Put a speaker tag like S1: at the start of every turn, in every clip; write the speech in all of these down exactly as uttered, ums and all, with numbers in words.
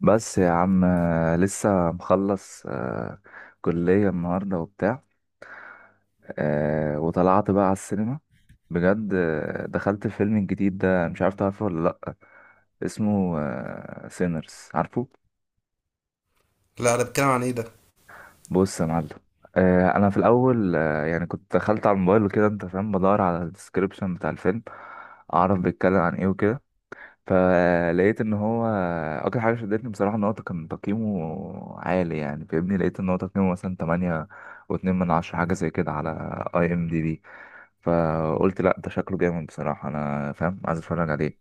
S1: بس يا عم آه، لسه مخلص آه، كلية النهاردة وبتاع آه، وطلعت بقى على السينما بجد. آه، دخلت الفيلم الجديد ده، مش عارف تعرفه ولا لأ. اسمه سينرز، عارفه؟
S2: لا، ده بيتكلم عن ايه ده؟
S1: بص يا معلم. آه، أنا في الأول آه، يعني كنت دخلت على الموبايل وكده، أنت فاهم، بدور على الديسكريبشن بتاع الفيلم أعرف بيتكلم عن إيه وكده. فلقيت ان هو اكتر حاجه شدتني بصراحه ان هو كان تقييمه عالي، يعني فاهمني. لقيت ان هو تقييمه مثلا ثمانية و2 من عشرة، حاجه زي كده، على اي ام دي بي. فقلت لا، ده شكله جامد بصراحه، انا فاهم، عايز اتفرج عليه.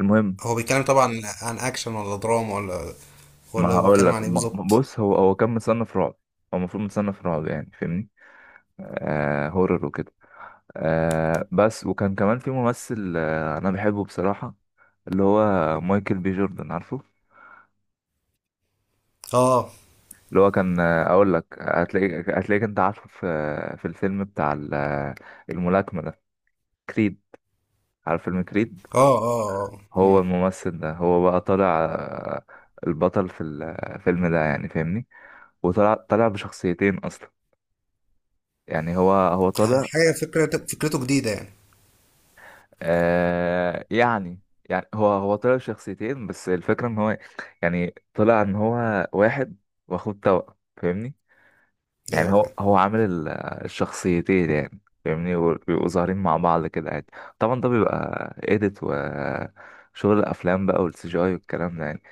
S1: المهم،
S2: هو بيتكلم طبعا عن اكشن ولا دراما ولا
S1: ما
S2: ولا
S1: هقول
S2: بيتكلم
S1: لك
S2: عن ايه
S1: ما- ما-
S2: بالظبط؟
S1: بص، هو هو كان متصنف رعب. هو المفروض متصنف رعب، يعني فاهمني. آه هورر وكده. آه بس وكان كمان في ممثل، آه انا بحبه بصراحه، اللي هو مايكل بي جوردن، عارفه؟
S2: اه
S1: اللي هو كان آه، اقول لك، هتلاقيك هتلاقيك انت عارفه، في في الفيلم بتاع ال- آه، الملاكمه ده، كريد. عارف فيلم كريد؟
S2: اه اه اه
S1: هو
S2: مم.
S1: الممثل ده هو بقى طالع آه، البطل في الفيلم ده، يعني فاهمني. وطلع طالع بشخصيتين اصلا، يعني هو هو طالع.
S2: حاجه فكرة فكرته جديده يعني
S1: آه يعني، يعني هو هو طالع بشخصيتين، بس الفكره ان هو يعني طلع ان هو واحد واخد توأم، فاهمني. يعني
S2: ايوه
S1: هو
S2: فاهم.
S1: هو عامل ال- الشخصيتين يعني، فاهمني. بيبقوا ظاهرين مع بعض كده عادي. طبعا ده بيبقى اديت وشغل الافلام بقى، والسي جي اي والكلام ده يعني.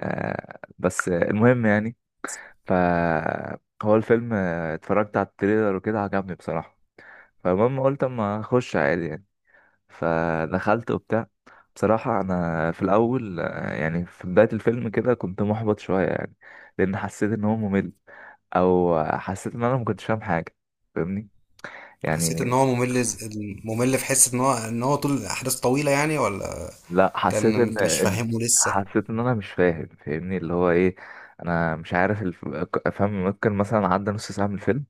S1: آه بس المهم يعني. ف هو الفيلم آه، اتفرجت على التريلر وكده، عجبني بصراحة. فالمهم قلت اما اخش عادي يعني. فدخلت وبتاع. بصراحة أنا في الأول آه، يعني في بداية الفيلم كده كنت محبط شوية يعني، لأن حسيت إن هو ممل، أو حسيت إن أنا ما كنتش فاهم حاجة، فاهمني
S2: حسيت ان
S1: يعني.
S2: هو ممل ز- ممل في حس ان هو ان هو طول الاحداث طويله يعني ولا
S1: لا،
S2: كان
S1: حسيت إن
S2: انت مش
S1: إن
S2: فاهمه لسه؟
S1: حسيت إن أنا مش فاهم، فاهمني، اللي هو إيه. أنا مش عارف الف... أفهم. ممكن مثلا عدى نص ساعة من الفيلم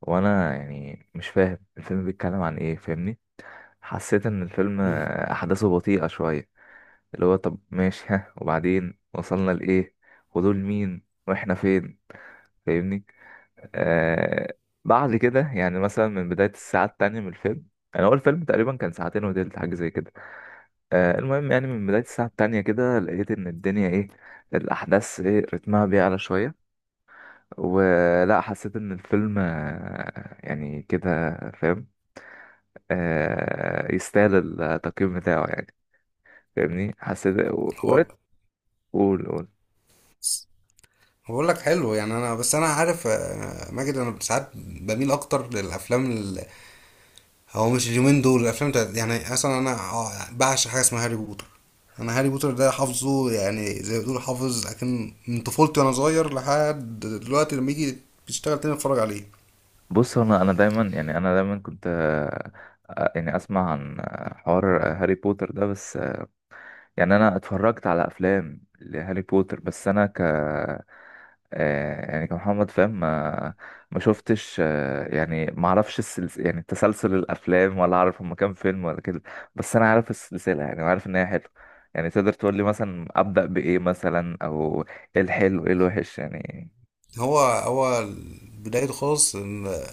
S1: وأنا يعني مش فاهم الفيلم بيتكلم عن إيه، فاهمني. حسيت إن الفيلم
S2: مم.
S1: آه، أحداثه بطيئة شوية، اللي هو طب ماشي، ها، وبعدين وصلنا لإيه، ودول مين، واحنا فين، فاهمني. آه بعد كده يعني، مثلا من بداية الساعة التانية من الفيلم، يعني هو الفيلم تقريبا كان ساعتين وتلت، حاجة زي كده. آه المهم يعني، من بداية الساعة التانية كده لقيت إن الدنيا إيه، الأحداث إيه، رتمها بيعلى شوية، ولا حسيت إن الفيلم آه، يعني كده فاهم، آه يستاهل التقييم بتاعه يعني، فاهمني. حسيت
S2: هو
S1: وريت. قول، قول.
S2: بقول لك حلو يعني انا بس انا عارف آه، ماجد، انا ساعات بميل اكتر للافلام. هو مش اليومين دول الافلام بتاعت يعني، اصلا انا ع- بعشق حاجه اسمها هاري بوتر. انا هاري بوتر ده حافظه، يعني زي ما بتقول حافظ، لكن من طفولتي وانا صغير لحد دلوقتي، لما يجي بيشتغل تاني اتفرج عليه.
S1: بص، انا انا دايما، يعني انا دايما كنت آه، آه، يعني اسمع عن آه، حوار آه، هاري بوتر ده، بس آه، يعني انا اتفرجت على افلام لهاري بوتر، بس انا ك آه، يعني كمحمد فاهم. ما ما شفتش آه، يعني ما اعرفش السلس... يعني تسلسل الافلام، ولا اعرف هما كام فيلم ولا كده. بس انا عارف السلسله يعني، وعارف ان هي حلوه. يعني تقدر تقول لي مثلا ابدا بايه مثلا، او ايه الحلو ايه الوحش يعني.
S2: هو هو بدايته خالص إن-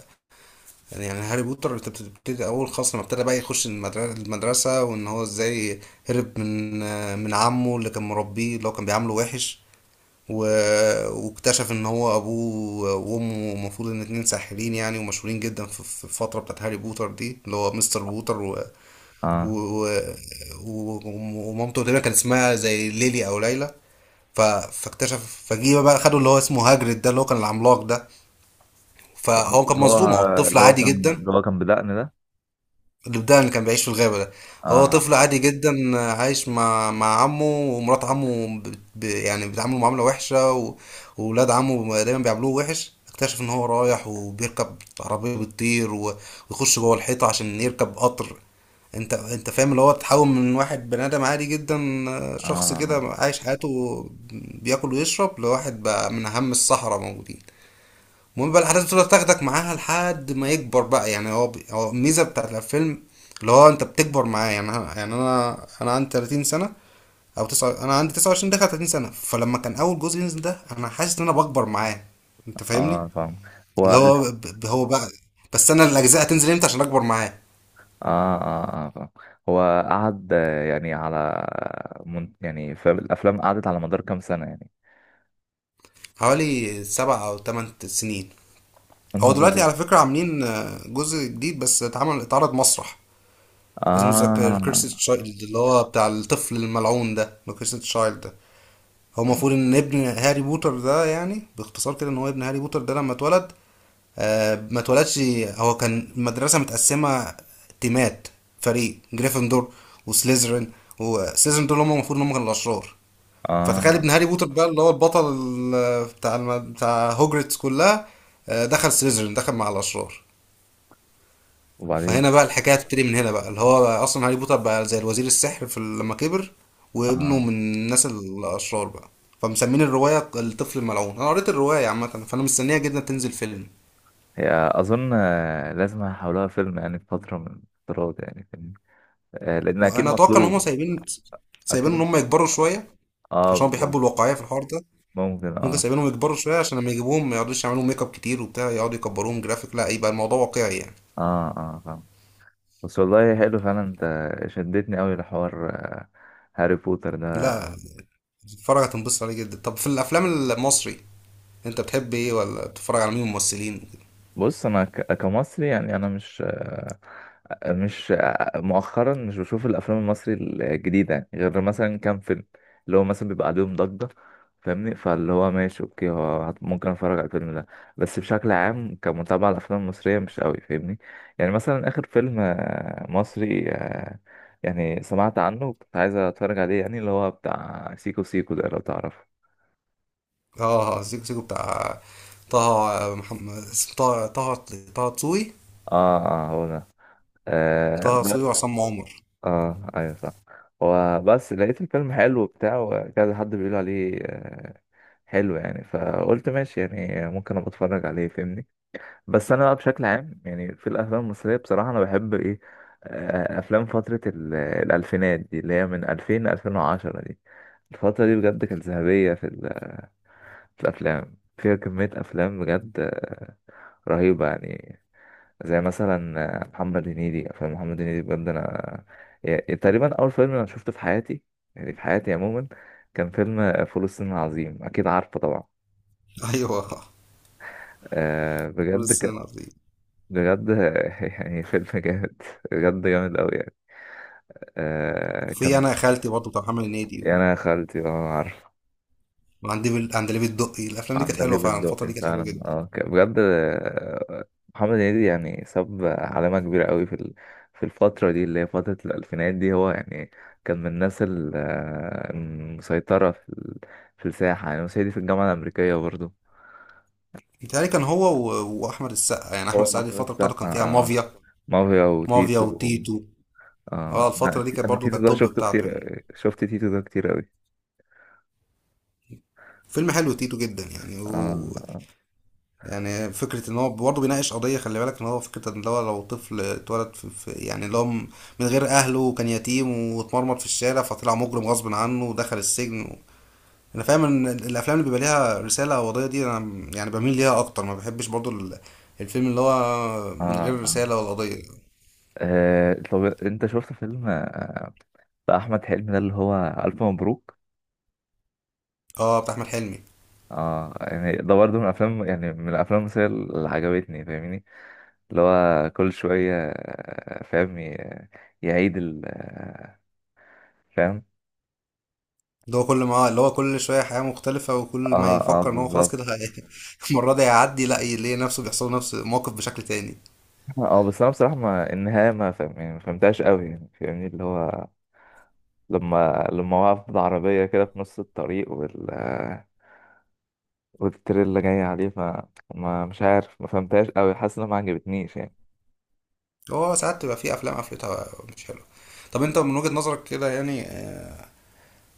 S2: يعني يعني هاري بوتر انت بتبتدي اول خالص لما ابتدى بقى يخش المدر- المدرسه، وان هو ازاي هرب من من عمه اللي كان مربيه، اللي هو كان بيعامله وحش، و... واكتشف ان هو ابوه وامه المفروض ان اتنين ساحرين يعني، ومشهورين جدا في في الفتره بتاعت هاري بوتر دي، اللي هو مستر بوتر و...
S1: اه.
S2: و... و... ومامته تقريبا كان اسمها زي ليلي او ليلى. ف... فاكتشف فجيه بقى، خدوا اللي هو اسمه هاجريد ده، اللي هو كان العملاق ده.
S1: آه،
S2: فهو كان
S1: اللي هو
S2: مظلوم، هو الطفل
S1: اللي هو
S2: عادي
S1: كان
S2: جدا.
S1: اللي هو كان بدقن ده.
S2: الودان اللي كان بيعيش في الغابة ده. هو
S1: اه
S2: طفل عادي جدا، آه، عايش مع مع عمه ومرات عمه بت- ب... يعني بيتعاملوا معاملة وحشة، و... وولاد عمه دايما بيعاملوه وحش. اكتشف ان هو رايح وبيركب عربية بتطير، و... ويخش جوه الحيطة عشان يركب قطر. انت انت فاهم، اللي هو تحول من واحد بني ادم عادي جدا، آه، شخص
S1: اه
S2: كده عايش حياته بياكل ويشرب، لواحد بقى من اهم السحرة موجودين. المهم بقى الاحداث تفضل تاخدك معاها لحد ما يكبر بقى، يعني هو بي- هو الميزه بتاعت الفيلم اللي هو انت بتكبر معاه. يعني انا يعني انا انا عندي ثلاثين سنه او تسعة، انا عندي تسعة وعشرين داخل ثلاثين سنه، فلما كان اول جزء ينزل ده انا حاسس ان انا بكبر معاه. انت فاهمني؟
S1: اه، فاهم. هو
S2: اللي هو
S1: الف
S2: ب- ب- هو بقى، بس انا الاجزاء هتنزل امتى عشان اكبر معاه؟
S1: اه اه اه، فاهم. هو قعد آه، يعني، على من... يعني فالافلام، قعدت على مدار كام سنه يعني؟
S2: حوالي سبع او ثمان سنين.
S1: يا
S2: هو
S1: نهار
S2: دلوقتي
S1: أبيض.
S2: على فكره عاملين آه، جزء جديد، بس اتعمل اتعرض مسرح، اسمه ذا كيرسي
S1: اه،
S2: تشايلد، اللي هو بتاع الطفل الملعون ده. ذا كيرسي تشايلد ده هو المفروض ان ابن هاري بوتر ده. يعني باختصار كده، ان هو ابن هاري بوتر ده لما اتولد، آه ما اتولدش، هو كان المدرسة متقسمة تيمات، فريق جريفندور وسليزرين، وسليزرين دول هم المفروض ان هم كانوا الأشرار. فتخيل
S1: اه،
S2: ابن هاري بوتر بقى، اللي هو البطل ال- بتاع الم... بتاع هوجرتس كلها، آه، دخل سليزرين، دخل مع الأشرار.
S1: وبعدين.
S2: فهنا بقى الحكايه هتبتدي من هنا بقى، اللي هو بقى اصلا هاري بوتر بقى زي الوزير السحر في ال- لما كبر، وابنه
S1: اه.
S2: من الناس الاشرار بقى. فمسمين الروايه الطفل الملعون. انا قريت الروايه عامه، فانا مستنيها جدا تنزل فيلم.
S1: هي اظن آه، لازم هيحولوها فيلم يعني، في فتره من الفترات يعني فيلم. آه لان اكيد
S2: انا اتوقع ان هم
S1: مطلوب.
S2: سايبين سايبين ان
S1: اكيد،
S2: هم يكبروا شويه،
S1: اه
S2: عشان هم
S1: بالظبط.
S2: بيحبوا الواقعيه في الحوار ده.
S1: ممكن،
S2: ممكن
S1: اه.
S2: سايبينهم يكبروا شويه عشان لما يجيبوهم ما يقعدوش يعملوا ميك اب كتير وبتاع، يقعدوا يكبروهم جرافيك، لا يبقى الموضوع واقعي يعني.
S1: اه اه فاهم. بس والله حلو فعلا. انت شدتني قوي لحوار آه، هاري بوتر ده.
S2: لا، تتفرج هتنبسط عليه جدا. طب في الافلام المصري انت بتحب ايه؟ ولا بتتفرج على مين ممثلين؟
S1: بص، انا ك- كمصري يعني، انا مش آه، مش آه، مؤخرا، مش بشوف الافلام المصري الجديده يعني، غير مثلا كام فيلم اللي هو مثلا بيبقى عليهم ضجه، فاهمني. فاللي هو ماشي، اوكي، هو هت- ممكن اتفرج على الفيلم ده. بس بشكل عام كمتابعه، الافلام المصريه مش قوي، فاهمني. يعني مثلا اخر فيلم آه، مصري آه، يعني سمعت عنه وكنت عايز اتفرج عليه، يعني اللي هو بتاع سيكو سيكو ده، لو تعرفه.
S2: اه، سيكو سيكو بتاع طه محمد اسم- طه طه طه دسوقي.
S1: اه اه، هو ده.
S2: طه
S1: آه.
S2: دسوقي وعصام عمر.
S1: اه ايوه، صح. وبس لقيت الفيلم حلو وبتاع، وكذا حد بيقول عليه آه، حلو يعني. فقلت ماشي يعني، ممكن ابقى اتفرج عليه، فاهمني. بس انا بقى بشكل عام يعني في الافلام المصريه، بصراحه انا بحب ايه، آه، افلام فتره ال- الالفينات دي، اللي هي من ألفين ل ألفين وعشرة دي. الفتره دي بجد كانت ذهبيه في ال- في الافلام. فيها كميه افلام بجد آه، رهيبه يعني. زي مثلا آه، محمد هنيدي، افلام محمد هنيدي بجد. انا، يا- تقريبا اول فيلم انا شفته في حياتي، يعني في حياتي عموما، كان فيلم آه، فول الصين العظيم، اكيد عارفه طبعا.
S2: ايوه.
S1: أه
S2: فول
S1: بجد
S2: الصين
S1: ك...
S2: العظيم.
S1: بجد يعني فيلم جامد، بجد جامد قوي يعني. أه
S2: في
S1: كان.
S2: انا يا خالتي برضه بتاع محمد هنيدي
S1: يا
S2: و-
S1: انا يا خالتي، اه عارف.
S2: وعند ديفيد- عند ليفيد الدقي. الافلام دي كانت حلوه
S1: عندليب
S2: فعلا، الفتره
S1: الدقي
S2: دي كانت حلوه
S1: فعلا،
S2: جدا.
S1: اه، ك- بجد آه، محمد هنيدي يعني ساب علامة كبيرة قوي في ال- في الفترة دي، اللي هي فترة الألفينات دي هو يعني. كان من الناس ال- آه، المسيطرة في ال- في الساحة، يعني مسيطرة في الجامعة الأمريكية برضو.
S2: متهيألي كان هو و... واحمد السقا، يعني احمد
S1: هو
S2: السقا دي
S1: أحمد
S2: الفتره بتاعته
S1: السقا
S2: كان فيها
S1: آه،
S2: مافيا.
S1: مافيا
S2: مافيا
S1: وتيتو و-
S2: وتيتو. اه
S1: آه أنا
S2: الفتره دي كانت
S1: أنا
S2: برضه كانت
S1: تيتو ده
S2: التوب
S1: شفته
S2: بتاعته
S1: كتير،
S2: يعني،
S1: شفت تيتو ده كتير قوي.
S2: فيلم حلو تيتو جدا يعني.
S1: آه
S2: يعني فكرة ان هو برضه بيناقش قضية، خلي بالك ان هو فكرة ان هو لو طفل اتولد في في- يعني اللي هو م- من غير اهله وكان يتيم واتمرمط في الشارع فطلع مجرم غصب عنه ودخل السجن و... انا فاهم ان ال- الافلام اللي بيبقى ليها رسالة او قضية دي انا م- يعني بميل ليها اكتر، ما بحبش برضه ال- الفيلم اللي هو من
S1: آه
S2: غير
S1: آه،
S2: رسالة ولا قضية.
S1: آه، طب أنت شفت فيلم آه، بتاع أحمد حلمي ده، اللي هو ألف مبروك؟
S2: اه، بتاع احمد حلمي.
S1: اه، يعني ده برضه من الافلام، يعني من الافلام المصريه اللي عجبتني، فاهمني. اللي هو كل شويه آه، فاهم، ي- يعيد ال آه، فاهم.
S2: اللي هو كل ما اللي هو كل شوية حياة مختلفة، وكل ما
S1: اه اه
S2: يفكر ان هو خلاص
S1: بالظبط.
S2: كده هي- المرة دي هيعدي، لا يلاقي نفسه بيحصل له نفس الموقف بشكل تاني.
S1: اه، بس انا بصراحه، ما النهايه ما فاهم يعني، ما فهمتهاش قوي يعني، فاهمني اللي هو لما لما وقف بالعربيه كده في نص الطريق، وال آه، والتريلا جايه عليه، فما مش عارف، ما فهمتهاش قوي، حاسس انها ما عجبتنيش يعني.
S2: هو ساعات تبقى في افلام قفلتها، مش حلوه. طب انت من وجهة نظرك كده يعني، آه،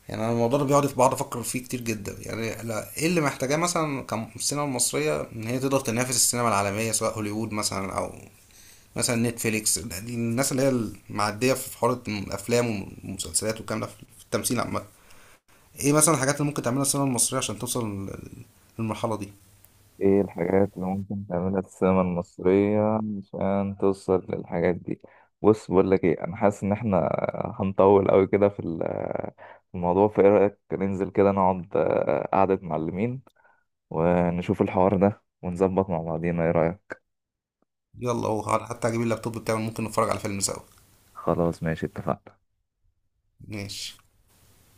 S2: يعني انا الموضوع ده بيقعد بقعد افكر فيه كتير جدا يعني، لا ايه اللي محتاجاه مثلا كالسينما المصريه ان هي تقدر تنافس السينما العالميه، سواء هوليوود مثلا او مثلا نتفليكس دي، الناس اللي هي المعديه في حوار الافلام والمسلسلات والكلام ده في التمثيل عامه، ايه مثلا الحاجات اللي ممكن تعملها السينما المصريه عشان توصل لل- للمرحله دي؟
S1: ايه الحاجات اللي ممكن تعملها في السينما المصرية عشان توصل للحاجات دي؟ بص، بقول لك ايه، انا حاسس ان احنا هنطول قوي كده في ال- في الموضوع. فايه رأيك ننزل كده، نقعد آه، قعدة معلمين، ونشوف الحوار ده، ونظبط مع بعضينا، ايه رأيك؟
S2: يلا، هو حتى اجيب اللابتوب بتاعي، ممكن نتفرج على فيلم سوا.
S1: خلاص، ماشي، اتفقنا.
S2: ماشي.